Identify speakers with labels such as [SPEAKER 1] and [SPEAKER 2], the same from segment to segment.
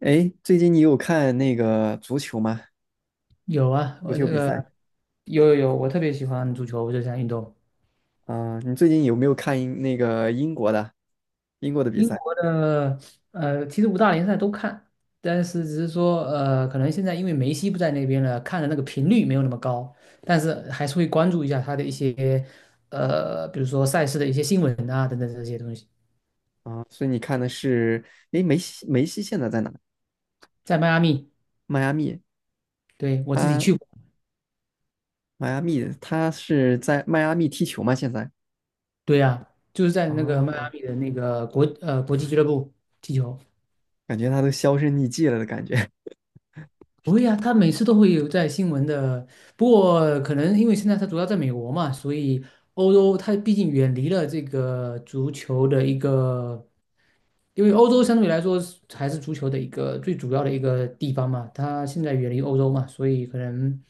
[SPEAKER 1] 哎，最近你有看那个足球吗？
[SPEAKER 2] 有啊，
[SPEAKER 1] 足
[SPEAKER 2] 我
[SPEAKER 1] 球
[SPEAKER 2] 这
[SPEAKER 1] 比
[SPEAKER 2] 个
[SPEAKER 1] 赛
[SPEAKER 2] 有有有，我特别喜欢足球这项运动。
[SPEAKER 1] 啊，你最近有没有看英那个英国的比
[SPEAKER 2] 英
[SPEAKER 1] 赛
[SPEAKER 2] 国的其实五大联赛都看，但是只是说可能现在因为梅西不在那边了，看的那个频率没有那么高，但是还是会关注一下他的一些比如说赛事的一些新闻啊等等这些东西。
[SPEAKER 1] 啊？所以你看的是，哎，梅西现在在哪？
[SPEAKER 2] 在迈阿密，
[SPEAKER 1] 迈阿密，
[SPEAKER 2] 对，我自己
[SPEAKER 1] 他
[SPEAKER 2] 去过，
[SPEAKER 1] 迈阿密，他是在迈阿密踢球吗？现在？
[SPEAKER 2] 对呀、啊，就是在那个迈阿
[SPEAKER 1] 哦，
[SPEAKER 2] 密的那个国际俱乐部踢球。
[SPEAKER 1] 感觉他都销声匿迹了的感觉。
[SPEAKER 2] 不会呀，他每次都会有在新闻的。不过可能因为现在他主要在美国嘛，所以欧洲他毕竟远离了这个足球的一个，因为欧洲相对来说是还是足球的一个最主要的一个地方嘛。他现在远离欧洲嘛，所以可能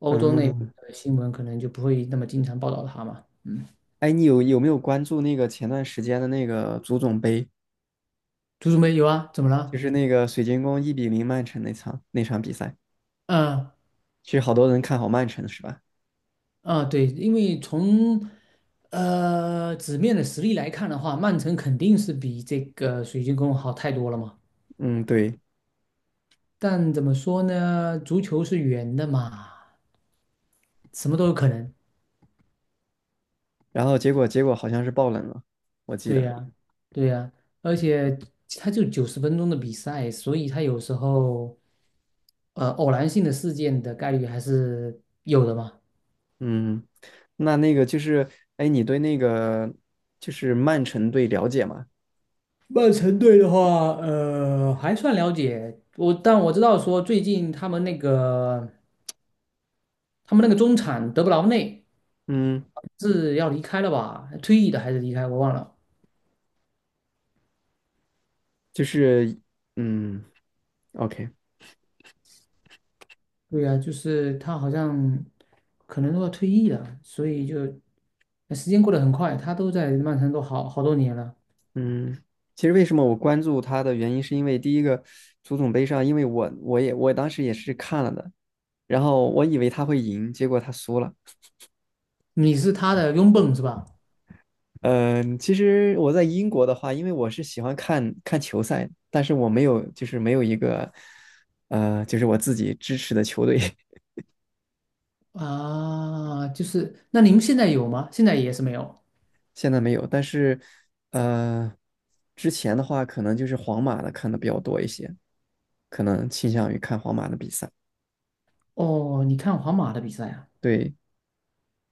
[SPEAKER 2] 欧洲那边
[SPEAKER 1] 嗯，
[SPEAKER 2] 的新闻可能就不会那么经常报道他嘛。嗯，
[SPEAKER 1] 哎，你有没有关注那个前段时间的那个足总杯，
[SPEAKER 2] 足球没有啊？怎么
[SPEAKER 1] 就
[SPEAKER 2] 了？
[SPEAKER 1] 是那个水晶宫1比0曼城那场比赛？
[SPEAKER 2] 嗯。
[SPEAKER 1] 其实好多人看好曼城是吧？
[SPEAKER 2] 啊，对，因为从纸面的实力来看的话，曼城肯定是比这个水晶宫好太多了嘛。
[SPEAKER 1] 嗯，对。
[SPEAKER 2] 但怎么说呢，足球是圆的嘛，什么都有可能。
[SPEAKER 1] 然后结果好像是爆冷了，我记
[SPEAKER 2] 对
[SPEAKER 1] 得。
[SPEAKER 2] 呀，对呀，而且它就90分钟的比赛，所以它有时候偶然性的事件的概率还是有的嘛。
[SPEAKER 1] 嗯，那那个就是，哎，你对那个就是曼城队了解吗？
[SPEAKER 2] 曼城队的话，还算了解我，但我知道说最近他们那个他们那个中场德布劳内。
[SPEAKER 1] 嗯，
[SPEAKER 2] 是要离开了吧？退役的还是离开？我忘了。
[SPEAKER 1] 就是嗯，OK,
[SPEAKER 2] 对呀、就是他好像可能都要退役了，所以就时间过得很快，他都在曼城都好好多年了。
[SPEAKER 1] 嗯，其实为什么我关注他的原因，是因为第一个足总杯上，因为我当时也是看了的，然后我以为他会赢，结果他输了，
[SPEAKER 2] 你是他的拥趸是吧？
[SPEAKER 1] 嗯，其实我在英国的话，因为我是喜欢看看球赛，但是我没有，就是没有一个，就是我自己支持的球队，
[SPEAKER 2] 啊，就是那你们现在有吗？现在也是没有。
[SPEAKER 1] 现在没有。但是，呃，之前的话，可能就是皇马的看的比较多一些，可能倾向于看皇马的比赛。
[SPEAKER 2] 哦，你看皇马的比赛啊，
[SPEAKER 1] 对，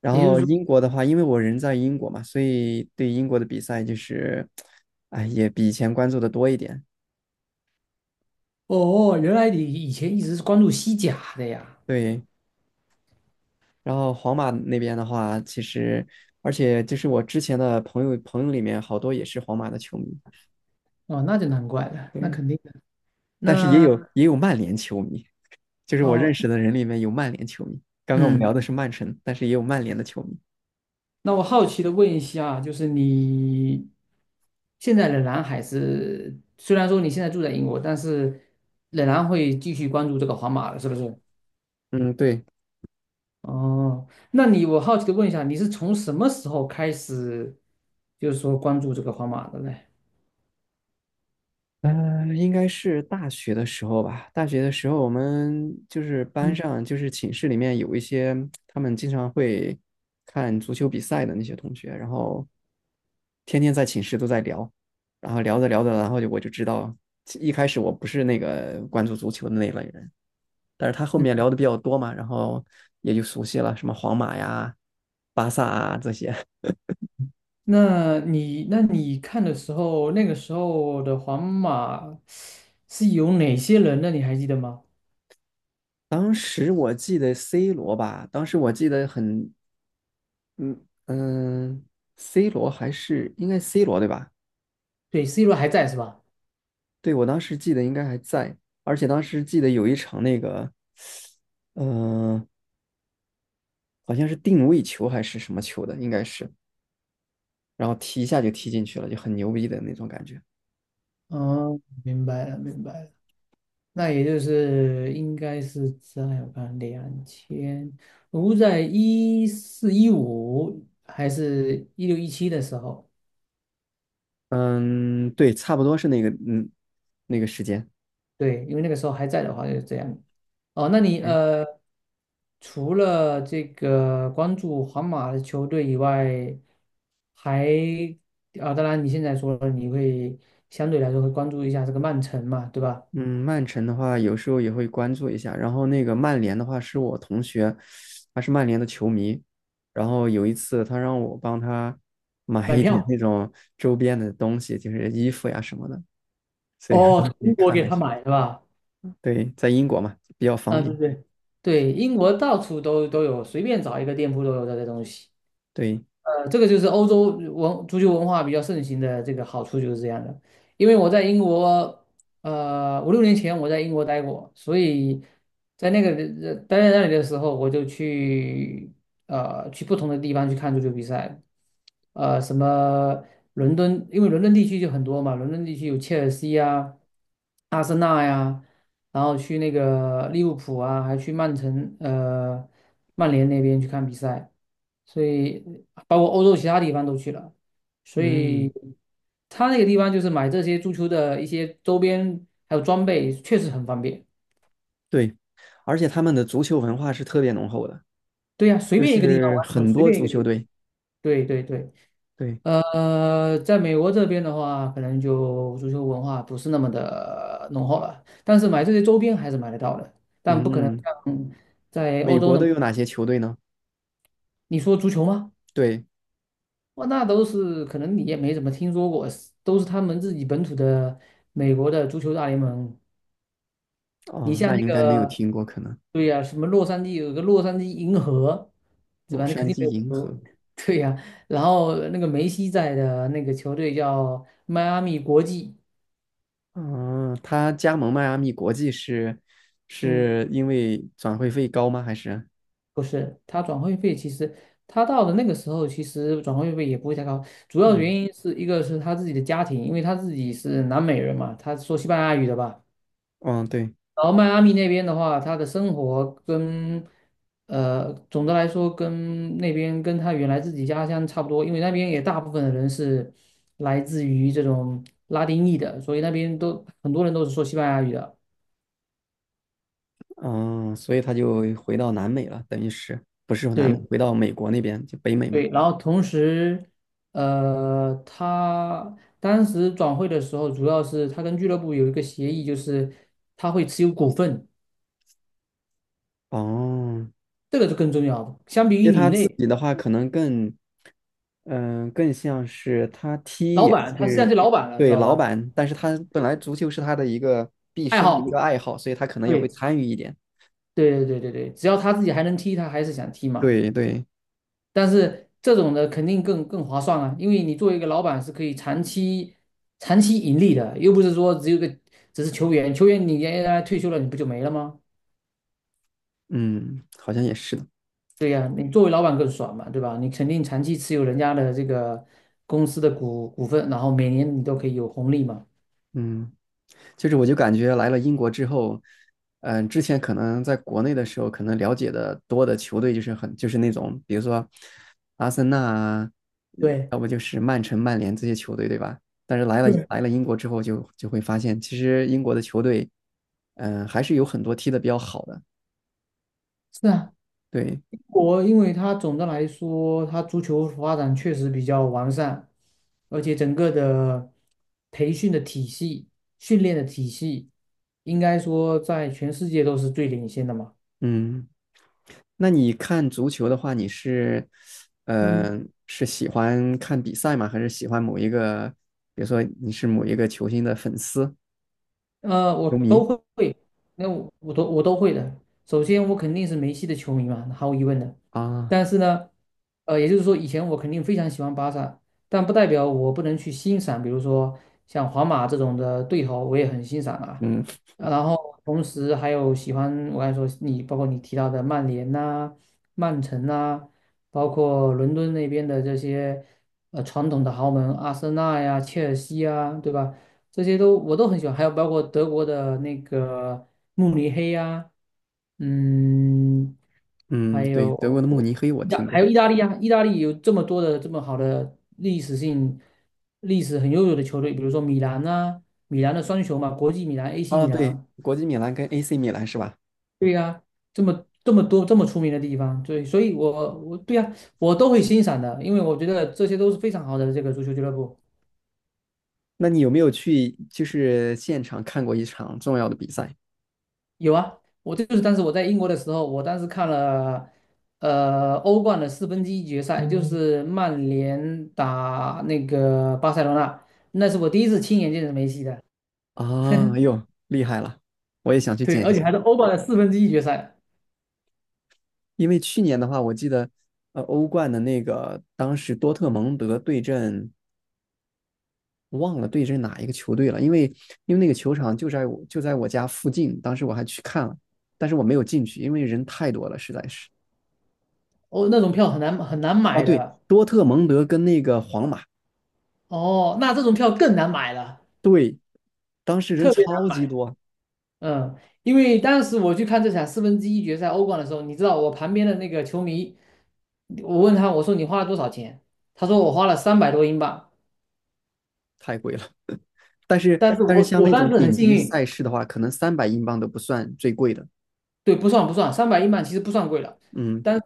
[SPEAKER 1] 然
[SPEAKER 2] 也就是
[SPEAKER 1] 后
[SPEAKER 2] 说，
[SPEAKER 1] 英国的话，因为我人在英国嘛，所以对英国的比赛就是，哎，也比以前关注的多一点。
[SPEAKER 2] 哦，原来你以前一直是关注西甲的呀。
[SPEAKER 1] 对，然后皇马那边的话，其实而且就是我之前的朋友里面好多也是皇马的球迷，
[SPEAKER 2] 哦，那就难怪了，那
[SPEAKER 1] 对，
[SPEAKER 2] 肯定的。
[SPEAKER 1] 但是也
[SPEAKER 2] 那
[SPEAKER 1] 有嗯也有曼联球迷，就是我认
[SPEAKER 2] 哦，
[SPEAKER 1] 识的人里面有曼联球迷。刚刚我们聊
[SPEAKER 2] 嗯。
[SPEAKER 1] 的是曼城，但是也有曼联的球迷。
[SPEAKER 2] 那我好奇的问一下啊，就是你现在仍然还是，虽然说你现在住在英国，但是仍然会继续关注这个皇马的，是不是？
[SPEAKER 1] 嗯，对，
[SPEAKER 2] 哦，那你我好奇的问一下，你是从什么时候开始，就是说关注这个皇马的呢？
[SPEAKER 1] 嗯、应该是大学的时候吧。大学的时候，我们就是班
[SPEAKER 2] 嗯
[SPEAKER 1] 上，就是寝室里面有一些他们经常会看足球比赛的那些同学，然后天天在寝室都在聊，然后聊着聊着，然后我知道，一开始我不是那个关注足球的那一类人，但是他后
[SPEAKER 2] 嗯，
[SPEAKER 1] 面聊的比较多嘛，然后也就熟悉了，什么皇马呀、巴萨啊这些。
[SPEAKER 2] 那你那你看的时候，那个时候的皇马是有哪些人呢？你还记得吗？
[SPEAKER 1] 当时我记得 C 罗吧，当时我记得很。嗯嗯，C 罗还是应该 C 罗对吧？
[SPEAKER 2] 对，C罗还在是吧？
[SPEAKER 1] 对，我当时记得应该还在，而且当时记得有一场那个，嗯、好像是定位球还是什么球的，应该是，然后踢一下就踢进去了，就很牛逼的那种感觉。
[SPEAKER 2] 嗯，明白了，明白了。那也就是应该是在我看两千，我在一四一五还是一六一七的时候，
[SPEAKER 1] 嗯，对，差不多是那个，嗯，那个时间。
[SPEAKER 2] 对，因为那个时候还在的话就是这样。哦，那你
[SPEAKER 1] 诶
[SPEAKER 2] 除了这个关注皇马的球队以外，还啊，当然你现在说了你会相对来说会关注一下这个曼城嘛，对吧？
[SPEAKER 1] 嗯，曼城的话，有时候也会关注一下。然后那个曼联的话，是我同学，他是曼联的球迷。然后有一次，他让我帮他 买
[SPEAKER 2] 买
[SPEAKER 1] 一点那
[SPEAKER 2] 票
[SPEAKER 1] 种周边的东西，就是衣服呀什么的。所以我
[SPEAKER 2] 哦，
[SPEAKER 1] 当时
[SPEAKER 2] 从
[SPEAKER 1] 也
[SPEAKER 2] 中国
[SPEAKER 1] 看
[SPEAKER 2] 给
[SPEAKER 1] 了一
[SPEAKER 2] 他
[SPEAKER 1] 下。
[SPEAKER 2] 买是吧？
[SPEAKER 1] 对，在英国嘛，比较方
[SPEAKER 2] 啊，
[SPEAKER 1] 便。
[SPEAKER 2] 对对对，英国到处都都有，随便找一个店铺都有这些东西。
[SPEAKER 1] 对，
[SPEAKER 2] 呃，这个就是欧洲足球文化比较盛行的这个好处就是这样的。因为我在英国，5、6年前我在英国待过，所以在那个待在那里的时候，我就去去不同的地方去看足球比赛，什么伦敦，因为伦敦地区就很多嘛，伦敦地区有切尔西啊、阿森纳呀、然后去那个利物浦啊，还去曼联那边去看比赛。所以包括欧洲其他地方都去了，所
[SPEAKER 1] 嗯，
[SPEAKER 2] 以他那个地方就是买这些足球的一些周边还有装备，确实很方便。
[SPEAKER 1] 对。而且他们的足球文化是特别浓厚的，
[SPEAKER 2] 对呀、随
[SPEAKER 1] 就
[SPEAKER 2] 便一个地方
[SPEAKER 1] 是
[SPEAKER 2] 玩足球
[SPEAKER 1] 很
[SPEAKER 2] 随
[SPEAKER 1] 多
[SPEAKER 2] 便一
[SPEAKER 1] 足
[SPEAKER 2] 个地
[SPEAKER 1] 球
[SPEAKER 2] 方。
[SPEAKER 1] 队。
[SPEAKER 2] 对对对，
[SPEAKER 1] 对，
[SPEAKER 2] 在美国这边的话，可能就足球文化不是那么的浓厚了，但是买这些周边还是买得到的，但不可能
[SPEAKER 1] 嗯，
[SPEAKER 2] 像在欧
[SPEAKER 1] 美
[SPEAKER 2] 洲
[SPEAKER 1] 国
[SPEAKER 2] 那
[SPEAKER 1] 都
[SPEAKER 2] 么。
[SPEAKER 1] 有哪些球队呢？
[SPEAKER 2] 你说足球吗？
[SPEAKER 1] 对，
[SPEAKER 2] 哇，那都是可能你也没怎么听说过，是都是他们自己本土的美国的足球大联盟。你
[SPEAKER 1] 哦，那
[SPEAKER 2] 像那
[SPEAKER 1] 应该没有
[SPEAKER 2] 个，
[SPEAKER 1] 听过，可能
[SPEAKER 2] 对呀、什么洛杉矶有个洛杉矶银河，对
[SPEAKER 1] 洛
[SPEAKER 2] 吧？你肯
[SPEAKER 1] 杉
[SPEAKER 2] 定
[SPEAKER 1] 矶
[SPEAKER 2] 没有听
[SPEAKER 1] 银
[SPEAKER 2] 说
[SPEAKER 1] 河。
[SPEAKER 2] 对呀、然后那个梅西在的那个球队叫迈阿密国际，
[SPEAKER 1] 嗯，他加盟迈阿密国际是
[SPEAKER 2] 嗯，
[SPEAKER 1] 是因为转会费高吗？还是
[SPEAKER 2] 不是，他转会费其实他到的那个时候，其实转会费也不会太高，主要
[SPEAKER 1] 嗯
[SPEAKER 2] 原因是一个是他自己的家庭，因为他自己是南美人嘛，他说西班牙语的吧。
[SPEAKER 1] 嗯对
[SPEAKER 2] 然后迈阿密那边的话，他的生活跟总的来说跟那边跟他原来自己家乡差不多，因为那边也大部分的人是来自于这种拉丁裔的，所以那边都很多人都是说西班牙语的。
[SPEAKER 1] 嗯，所以他就回到南美了，等于是不是说南美，
[SPEAKER 2] 对
[SPEAKER 1] 回到美国那边就北美嘛。
[SPEAKER 2] 对，然后同时，他当时转会的时候，主要是他跟俱乐部有一个协议，就是他会持有股份，
[SPEAKER 1] 哦，
[SPEAKER 2] 这个是更重要的。相比
[SPEAKER 1] 其
[SPEAKER 2] 于
[SPEAKER 1] 实
[SPEAKER 2] 你
[SPEAKER 1] 他
[SPEAKER 2] 那
[SPEAKER 1] 自己的话可能更嗯、更像是他踢
[SPEAKER 2] 老
[SPEAKER 1] 也
[SPEAKER 2] 板，他实际上
[SPEAKER 1] 是
[SPEAKER 2] 是老板了，知
[SPEAKER 1] 对
[SPEAKER 2] 道
[SPEAKER 1] 老
[SPEAKER 2] 吧？
[SPEAKER 1] 板，但是他本来足球是他的一个毕
[SPEAKER 2] 爱
[SPEAKER 1] 生的一个
[SPEAKER 2] 好。
[SPEAKER 1] 爱好，所以他可能也会
[SPEAKER 2] 对
[SPEAKER 1] 参与一点。
[SPEAKER 2] 对对对对对，只要他自己还能踢，他还是想踢嘛。
[SPEAKER 1] 对对，
[SPEAKER 2] 但是这种的肯定更划算啊，因为你作为一个老板是可以长期盈利的，又不是说只有个只是球员，球员你原来退休了，你不就没了吗？
[SPEAKER 1] 嗯，好像也是的，
[SPEAKER 2] 对呀、你作为老板更爽嘛，对吧？你肯定长期持有人家的这个公司的股份，然后每年你都可以有红利嘛。
[SPEAKER 1] 嗯。就是我就感觉来了英国之后，嗯、之前可能在国内的时候，可能了解的多的球队就是很就是那种，比如说阿森纳啊，
[SPEAKER 2] 对，
[SPEAKER 1] 要不就是曼城、曼联这些球队，对吧？但是来了
[SPEAKER 2] 对，
[SPEAKER 1] 来了英国之后就，就会发现，其实英国的球队，还是有很多踢的比较好的。
[SPEAKER 2] 是啊。
[SPEAKER 1] 对，
[SPEAKER 2] 因为它总的来说，它足球发展确实比较完善，而且整个的培训的体系、训练的体系，应该说在全世界都是最领先的嘛。
[SPEAKER 1] 嗯，那你看足球的话，你是，
[SPEAKER 2] 嗯。
[SPEAKER 1] 呃，是喜欢看比赛吗？还是喜欢某一个，比如说你是某一个球星的粉丝、球
[SPEAKER 2] 我都
[SPEAKER 1] 迷？
[SPEAKER 2] 会，那我我都会的。首先，我肯定是梅西的球迷嘛，毫无疑问的。
[SPEAKER 1] 啊，
[SPEAKER 2] 但是呢，也就是说，以前我肯定非常喜欢巴萨，但不代表我不能去欣赏，比如说像皇马这种的对头，我也很欣赏啊。
[SPEAKER 1] 嗯
[SPEAKER 2] 然后同时还有喜欢，我刚才说你，包括你提到的曼联呐、曼城呐、包括伦敦那边的这些传统的豪门，阿森纳呀、切尔西呀，对吧？这些都我都很喜欢，还有包括德国的那个慕尼黑呀、嗯，
[SPEAKER 1] 嗯，
[SPEAKER 2] 还
[SPEAKER 1] 对，德国
[SPEAKER 2] 有
[SPEAKER 1] 的慕尼黑我听
[SPEAKER 2] 还
[SPEAKER 1] 过。
[SPEAKER 2] 有意大利啊，意大利有这么多的这么好的历史性、历史很悠久的球队，比如说米兰呐、米兰的双雄嘛，国际米兰、AC
[SPEAKER 1] 哦，
[SPEAKER 2] 米
[SPEAKER 1] 对，
[SPEAKER 2] 兰，
[SPEAKER 1] 国际米兰跟 AC 米兰是吧？
[SPEAKER 2] 对呀、这么这么多这么出名的地方，对，所以我对呀、我都会欣赏的，因为我觉得这些都是非常好的这个足球俱乐部。
[SPEAKER 1] 那你有没有去就是现场看过一场重要的比赛？
[SPEAKER 2] 有啊，我这就是当时我在英国的时候，我当时看了，欧冠的四分之一决赛，嗯就是曼联打那个巴塞罗那，那是我第一次亲眼见着梅西的，
[SPEAKER 1] 啊，哎呦，厉害了！我也想去
[SPEAKER 2] 对，
[SPEAKER 1] 见一
[SPEAKER 2] 而且
[SPEAKER 1] 下，
[SPEAKER 2] 还是欧冠的四分之一决赛，
[SPEAKER 1] 因为去年的话，我记得，欧冠的那个当时多特蒙德对阵，忘了对阵哪一个球队了，因为因为那个球场就在我家附近，当时我还去看了，但是我没有进去，因为人太多了，实在是。
[SPEAKER 2] 哦，那种票很难很难
[SPEAKER 1] 啊，
[SPEAKER 2] 买
[SPEAKER 1] 对，
[SPEAKER 2] 的，
[SPEAKER 1] 多特蒙德跟那个皇马，
[SPEAKER 2] 哦，那这种票更难买了，
[SPEAKER 1] 对，当时人
[SPEAKER 2] 特别难
[SPEAKER 1] 超级
[SPEAKER 2] 买，
[SPEAKER 1] 多，
[SPEAKER 2] 嗯，因为当时我去看这场四分之一决赛欧冠的时候，你知道我旁边的那个球迷，我问他，我说你花了多少钱？他说我花了300多英镑。
[SPEAKER 1] 太贵了。但是
[SPEAKER 2] 但是
[SPEAKER 1] 但是
[SPEAKER 2] 我
[SPEAKER 1] 像
[SPEAKER 2] 我
[SPEAKER 1] 那
[SPEAKER 2] 当
[SPEAKER 1] 种
[SPEAKER 2] 时很
[SPEAKER 1] 顶
[SPEAKER 2] 幸
[SPEAKER 1] 级
[SPEAKER 2] 运，
[SPEAKER 1] 赛事的话，可能300英镑都不算最贵的。
[SPEAKER 2] 对，不算不算，300英镑其实不算贵了，
[SPEAKER 1] 嗯
[SPEAKER 2] 但是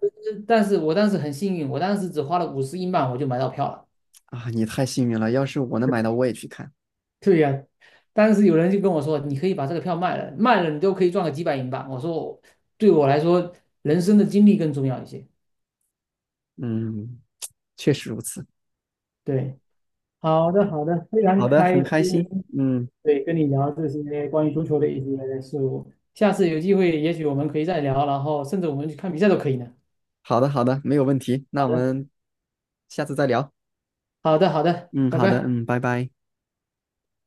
[SPEAKER 2] 但是我当时很幸运，我当时只花了50英镑我就买到票了。
[SPEAKER 1] 啊，你太幸运了，要是我能买到，我也去看。
[SPEAKER 2] 对呀、当时有人就跟我说，你可以把这个票卖了，卖了你都可以赚个几百英镑。我说，对我来说，人生的经历更重要一些。
[SPEAKER 1] 嗯，确实如此。
[SPEAKER 2] 对，好的好的，非常
[SPEAKER 1] 好的，
[SPEAKER 2] 开
[SPEAKER 1] 很
[SPEAKER 2] 心，
[SPEAKER 1] 开心。嗯，
[SPEAKER 2] 对，跟你聊这些关于足球的一些事物。下次有机会，也许我们可以再聊，然后甚至我们去看比赛都可以呢。
[SPEAKER 1] 好的好的，没有问题。那
[SPEAKER 2] 好
[SPEAKER 1] 我
[SPEAKER 2] 的，
[SPEAKER 1] 们下次再聊。
[SPEAKER 2] 好的，好的，
[SPEAKER 1] 嗯，
[SPEAKER 2] 拜
[SPEAKER 1] 好的，
[SPEAKER 2] 拜。
[SPEAKER 1] 嗯，拜拜。